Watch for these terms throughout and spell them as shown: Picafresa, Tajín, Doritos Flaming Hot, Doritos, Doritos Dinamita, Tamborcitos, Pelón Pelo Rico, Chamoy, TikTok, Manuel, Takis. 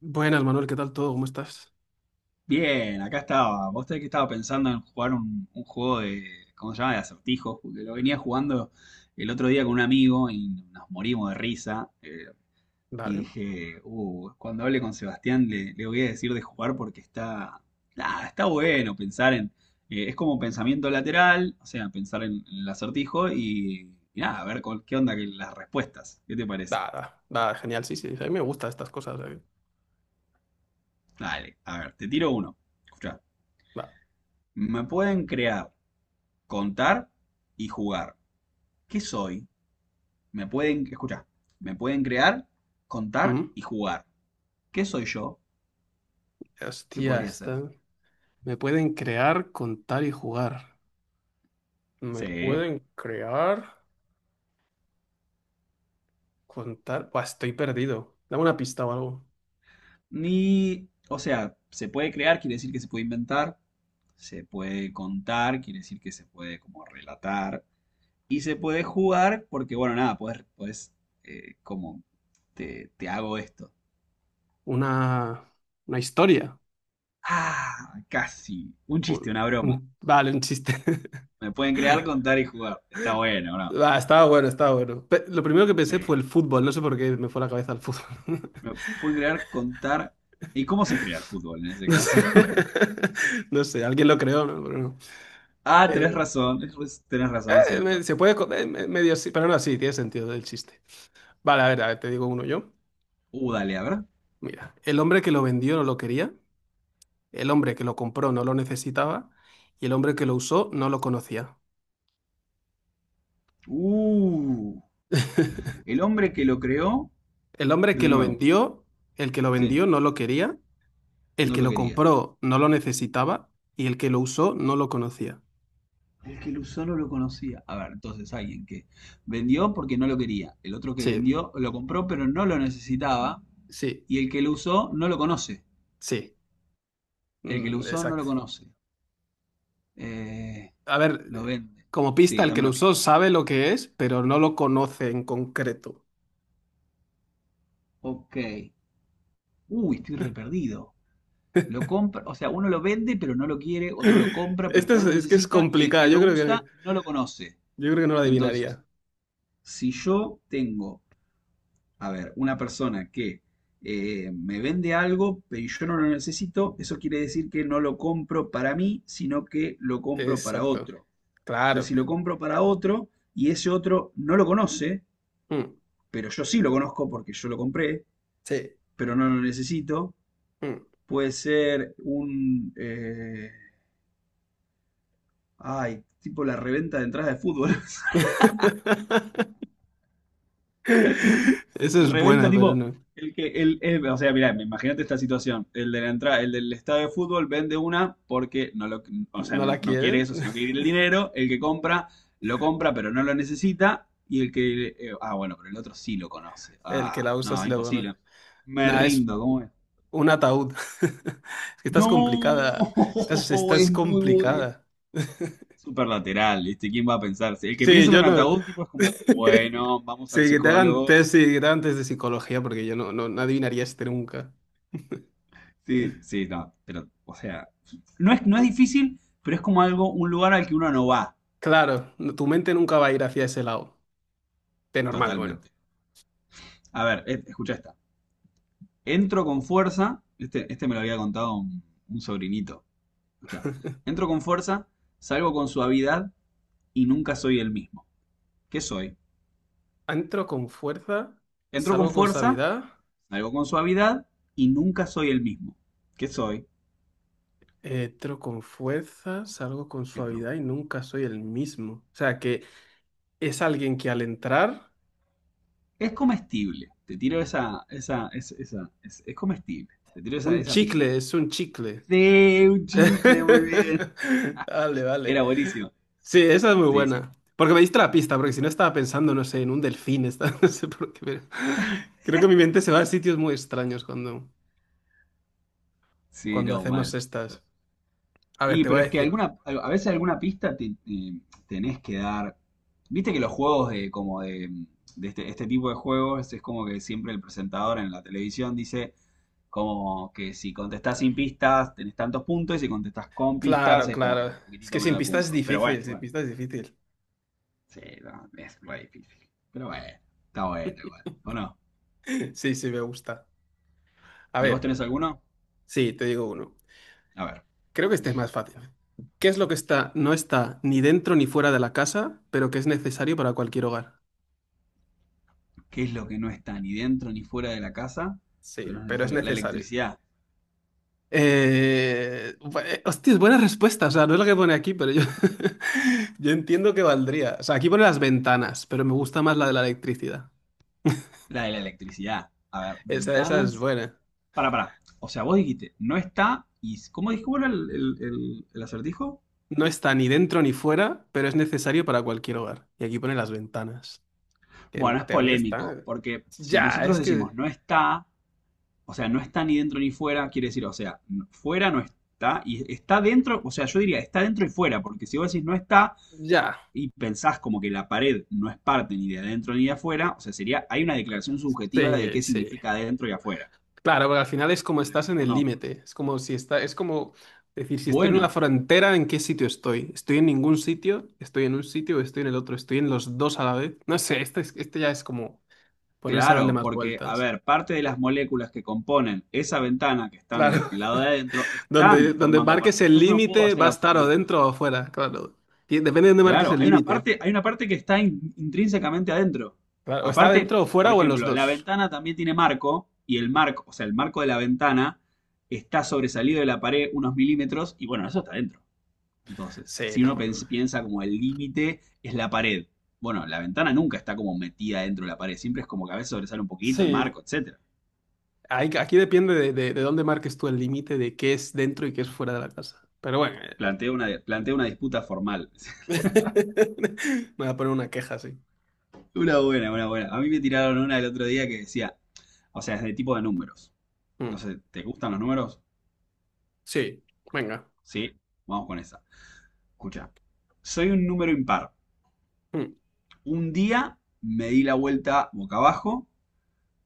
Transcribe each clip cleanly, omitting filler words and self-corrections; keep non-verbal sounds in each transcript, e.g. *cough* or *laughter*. Buenas, Manuel, ¿qué tal todo? ¿Cómo estás? Bien, acá estaba. Vos sabés que estaba pensando en jugar un juego de, ¿cómo se llama? De acertijos, porque lo venía jugando el otro día con un amigo y nos morimos de risa. Y Dale, dije, cuando hable con Sebastián le voy a decir de jugar porque está, nada, está bueno pensar en, es como pensamiento lateral, o sea, pensar en el acertijo y nada, a ver con, qué onda que las respuestas. ¿Qué te parece? Genial, sí, sí, sí, a mí me gustan estas cosas. Dale, a ver, te tiro uno. Escuchá, Va. me pueden crear, contar y jugar. ¿Qué soy? Me pueden, escuchá, me pueden crear, contar Ujú. y jugar. ¿Qué soy yo? ¿Qué Hostia, podría ser? esta. Me pueden crear, contar y jugar. Me Sí. pueden crear, contar. Buah, estoy perdido. Dame una pista o algo. Ni, o sea, se puede crear, quiere decir que se puede inventar. Se puede contar, quiere decir que se puede como relatar. Y se puede jugar porque, bueno, nada, puedes como, te hago esto. Una, una historia. Ah, casi. Un chiste, una broma. Vale, un chiste. *laughs* Me pueden crear, contar y jugar. Está bueno, ¿no? Va, estaba bueno, estaba bueno. Lo primero que pensé Sí. fue el fútbol, no sé por qué me fue la cabeza al fútbol. *laughs* Pueden crear, contar. ¿Y cómo se crea el fútbol en ese No sé, caso? *laughs* *laughs* no sé, alguien lo creó, ¿no? Pero no. Ah, tenés Eh, razón, tenés razón, es cierto. Se puede, medio sí, pero no, sí, tiene sentido el chiste. Vale, a ver, te digo uno yo. Dale, a ver. Mira, el hombre que lo vendió no lo quería, el hombre que lo compró no lo necesitaba y el hombre que lo usó no lo conocía. Uh, *laughs* el hombre que lo creó, El hombre que de lo nuevo, vendió, el que lo sí, vendió no lo quería, el no que lo lo quería. compró no lo necesitaba y el que lo usó no lo conocía. El que lo usó no lo conocía. A ver, entonces alguien que vendió porque no lo quería. El otro que Sí, vendió lo compró pero no lo necesitaba. sí, Y el que lo usó no lo conoce. sí. El que lo Mm, usó no lo exacto. conoce. Eh, A lo ver, vende. como Sí, pista, el que dame lo una pista. usó sabe lo que es, pero no lo conoce en concreto. Ok. Uy, estoy re perdido. Lo compra, o sea, uno lo vende pero no lo quiere, otro lo compra pero Este no lo es que es necesita y el complicado. que lo usa no lo conoce. Yo creo que no lo Entonces, adivinaría. si yo tengo, a ver, una persona que me vende algo pero yo no lo necesito, eso quiere decir que no lo compro para mí, sino que lo compro para Exacto. otro. Claro. Entonces, si lo compro para otro y ese otro no lo conoce, Mm, pero yo sí lo conozco porque yo lo compré, sí. pero no lo necesito, Mm. puede ser un... Ay, tipo la reventa de entradas de fútbol. *laughs* *laughs* Esa es Reventa buena, pero tipo no. el que o sea, mirá, imagínate esta situación. El de la entrada, el del estadio de fútbol vende una porque no lo, o sea, ¿No la no quiere quiere? eso, sino que *laughs* quiere el dinero. El que compra lo compra, pero no lo necesita y el que bueno, pero el otro sí lo conoce. El que Ah, la usa no, sí la conoce. imposible. Me Nada, es rindo, ¿cómo es? un ataúd. *laughs* Es que estás No, complicada. Estás, *laughs* estás es muy bueno. complicada. Súper lateral, ¿viste? ¿Quién va a pensar? Si el que Sí, piensa en yo un no. ataúd, tipo, es como, *laughs* bueno, vamos al Sí, que te hagan psicólogo. test, sí, que te hagan test de psicología, porque yo no, no, no adivinaría este nunca. Sí, sí, no, pero, o sea, no es, no es difícil, pero es como algo, un lugar al que uno no va Claro, tu mente nunca va a ir hacia ese lado. De normal, bueno. totalmente. A ver, escucha esta. Entro con fuerza, este me lo había contado un sobrinito. Escucha, entro con fuerza, salgo con suavidad y nunca soy el mismo. ¿Qué soy? Entro con fuerza, Entro con salgo con fuerza, suavidad. salgo con suavidad y nunca soy el mismo. ¿Qué soy? Entro con fuerza, salgo con Entro. suavidad y nunca soy el mismo. O sea, que es alguien que al entrar, Es comestible. Te tiro esa, es comestible. Te tiro un esa pista. chicle, es un chicle. Sí, un chicle, muy bien. *laughs* Vale, Era vale. buenísimo. Sí, esa es muy Sí, sí, buena. Porque me diste la pista, porque si no estaba pensando, no sé, en un delfín, *laughs* no sé por qué, pero creo que mi mente se va a sitios muy extraños cuando, sí, cuando no, hacemos mal. estas. A ver, Y te voy pero a es que decir. alguna, a veces alguna pista tenés que dar. Viste que los juegos de como de, este, este tipo de juegos es como que siempre el presentador en la televisión dice como que si contestás sin pistas tenés tantos puntos y si contestás con pistas Claro, es como que claro. un Es poquitito que sin menos de pistas es puntos. Pero bueno, difícil, sin bueno. pistas es difícil. *laughs* Sí, no, es re difícil. Pero bueno, está bueno igual. ¿O no? Sí, sí, me gusta. A ¿Y vos ver, tenés alguno? sí, te digo uno. A ver. Creo que este es más fácil. ¿Qué es lo que está, no está ni dentro ni fuera de la casa, pero que es necesario para cualquier hogar? ¿Qué es lo que no está ni dentro ni fuera de la casa, pero Sí, es pero es necesario? La necesario. electricidad, Hostia, es buena respuesta. O sea, no es lo que pone aquí, pero yo, *laughs* yo entiendo que valdría. O sea, aquí pone las ventanas, pero me gusta más la de la electricidad. la de la electricidad. A ver, Esa es ventanas. buena. Para, para. O sea, vos dijiste, no está y... ¿Cómo dijo bueno, el acertijo? No está ni dentro ni fuera, pero es necesario para cualquier hogar. Y aquí pone las ventanas, que Bueno, en es teoría polémico, está... porque si Ya, nosotros es que... decimos no está, o sea, no está ni dentro ni fuera, quiere decir, o sea, fuera no está y está dentro, o sea, yo diría está dentro y fuera, porque si vos decís no está, Ya. y pensás como que la pared no es parte ni de adentro ni de afuera, o sea, sería, hay una declaración subjetiva de Sí, qué sí. significa adentro y afuera, Claro, porque al final es como con la estás que en yo el no. límite. Es como si está... Es como decir, si estoy en una Bueno, frontera, ¿en qué sitio estoy? ¿Estoy en ningún sitio? ¿Estoy en un sitio o estoy en el otro? ¿Estoy en los dos a la vez? No sé, este, este ya es como ponerse a darle claro, más porque, a vueltas. ver, parte de las moléculas que componen esa ventana que están del Claro. lado *laughs* de adentro están Donde, donde formando parte, marques el entonces yo no puedo límite hacer va a estar o absoluto. dentro o afuera, claro. Y depende de dónde marques Claro, el límite. Hay una parte que está intrínsecamente adentro. Claro, o está dentro Aparte, o por fuera o en los ejemplo, dos. la ventana también tiene marco y el marco, o sea, el marco de la ventana está sobresalido de la pared unos milímetros y bueno, eso está adentro. Entonces, Sí, si no. uno piensa como el límite es la pared, bueno, la ventana nunca está como metida dentro de la pared, siempre es como que a veces sobresale un poquito el Sí, marco, etcétera. Aquí depende de, de dónde marques tú el límite de qué es dentro y qué es fuera de la casa. Pero bueno, Plantea una disputa formal. *laughs* *laughs* me voy a poner una queja así. Una buena, una buena. A mí me tiraron una el otro día que decía, o sea, es de tipo de números. No Mm. sé, ¿te gustan los números? Sí, venga. Sí, vamos con esa. Escucha, soy un número impar. Mm. Un día me di la vuelta boca abajo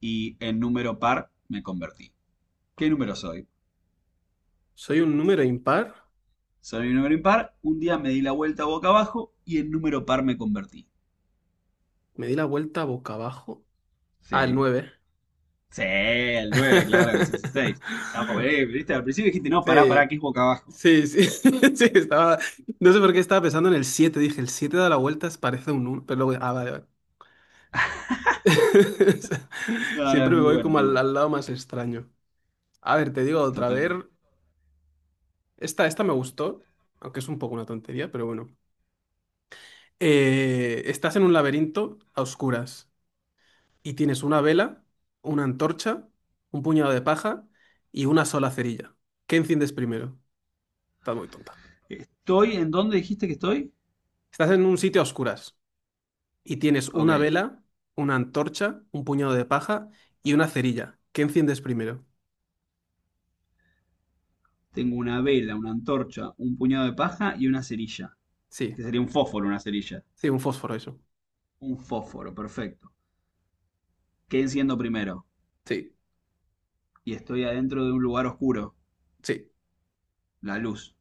y en número par me convertí. ¿Qué número soy? Soy un número impar, Soy un número impar, un día me di la vuelta boca abajo y en número par me convertí. me di la vuelta boca abajo. Ah, el Sí. 9. Sí, el 9, claro, que se hace 6. *laughs* Está, viste, al principio dijiste, no, pará, pará, Sí, que es boca abajo. sí, sí, *laughs* sí, estaba... No sé por qué estaba pensando en el 7. Dije, el 7 da la vuelta, parece un 1, pero luego, ah, vale, vale. *laughs* No, no, Siempre me voy como es muy al, bueno, al lado más extraño. A ver, te digo otra vez. totalmente. Esta me gustó, aunque es un poco una tontería, pero bueno. Estás en un laberinto a oscuras y tienes una vela, una antorcha, un puñado de paja y una sola cerilla. ¿Qué enciendes primero? Estás muy tonta. ¿Estoy en dónde dijiste que estoy? Estás en un sitio a oscuras y tienes Ok, una vela, una antorcha, un puñado de paja y una cerilla. ¿Qué enciendes primero? tengo una vela, una antorcha, un puñado de paja y una cerilla, Sí, que sería un fósforo, una cerilla. sí, un fósforo, eso. Un fósforo, perfecto. ¿Qué enciendo primero? Sí, Y estoy adentro de un lugar oscuro, sí. la luz.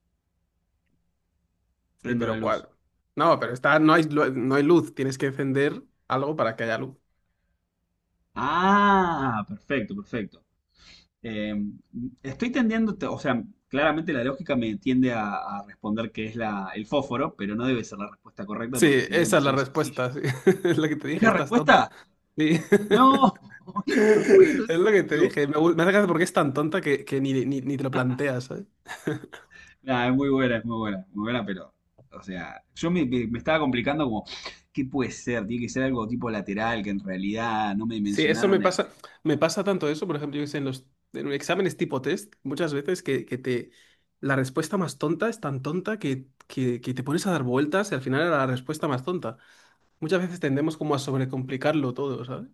Sí, Prendo la pero ¿cuál? luz. No, pero está, no hay, no hay luz, tienes que encender algo para que haya luz. Ah, perfecto, perfecto. Eh, estoy tendiendo, o sea, claramente la lógica me tiende a responder que es la, el fósforo, pero no debe ser la respuesta correcta Sí, porque sería esa es la demasiado sencillo. respuesta, sí. *laughs* Es lo que te ¿Es dije, la estás tonta. respuesta? Sí. *laughs* No, *laughs* es muy bueno, Es es lo que te obvio. dije, me, me hace gracia porque es tan tonta que ni, ni, ni te lo planteas, ¿sabes? Nah, es muy buena, pero, o sea, yo me, me estaba complicando como, ¿qué puede ser? Tiene que ser algo tipo lateral, que en realidad no me Sí, eso mencionaron el... me pasa tanto eso, por ejemplo, yo que sé, en los en exámenes tipo test, muchas veces que te la respuesta más tonta es tan tonta que te pones a dar vueltas y al final era la respuesta más tonta. Muchas veces tendemos como a sí, sobrecomplicarlo todo, ¿sabes?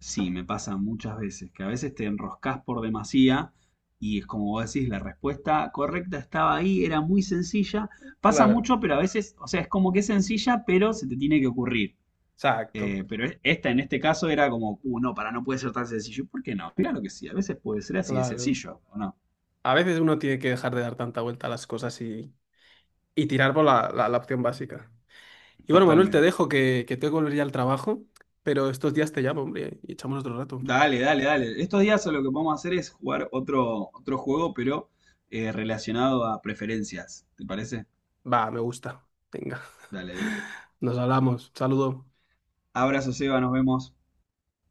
sí, me pasa muchas veces, que a veces te enroscas por demasía y es como vos decís, la respuesta correcta estaba ahí, era muy sencilla. Pasa Claro, mucho, pero a veces, o sea, es como que es sencilla, pero se te tiene que ocurrir. exacto, Pero esta en este caso era como, no, para, no puede ser tan sencillo. ¿Por qué no? Claro que sí, a veces puede ser así de claro. sencillo, ¿o no? A veces uno tiene que dejar de dar tanta vuelta a las cosas y tirar por la, la opción básica. Y bueno, Manuel, te Totalmente. dejo que tengo que volver ya al trabajo, pero estos días te llamo, hombre, y echamos otro rato. Dale, dale, dale. Estos días lo que vamos a hacer es jugar otro juego, pero relacionado a preferencias. ¿Te parece? Va, me gusta. Venga, Dale, de una. *laughs* nos hablamos. Saludo. Abrazo, Seba, nos vemos.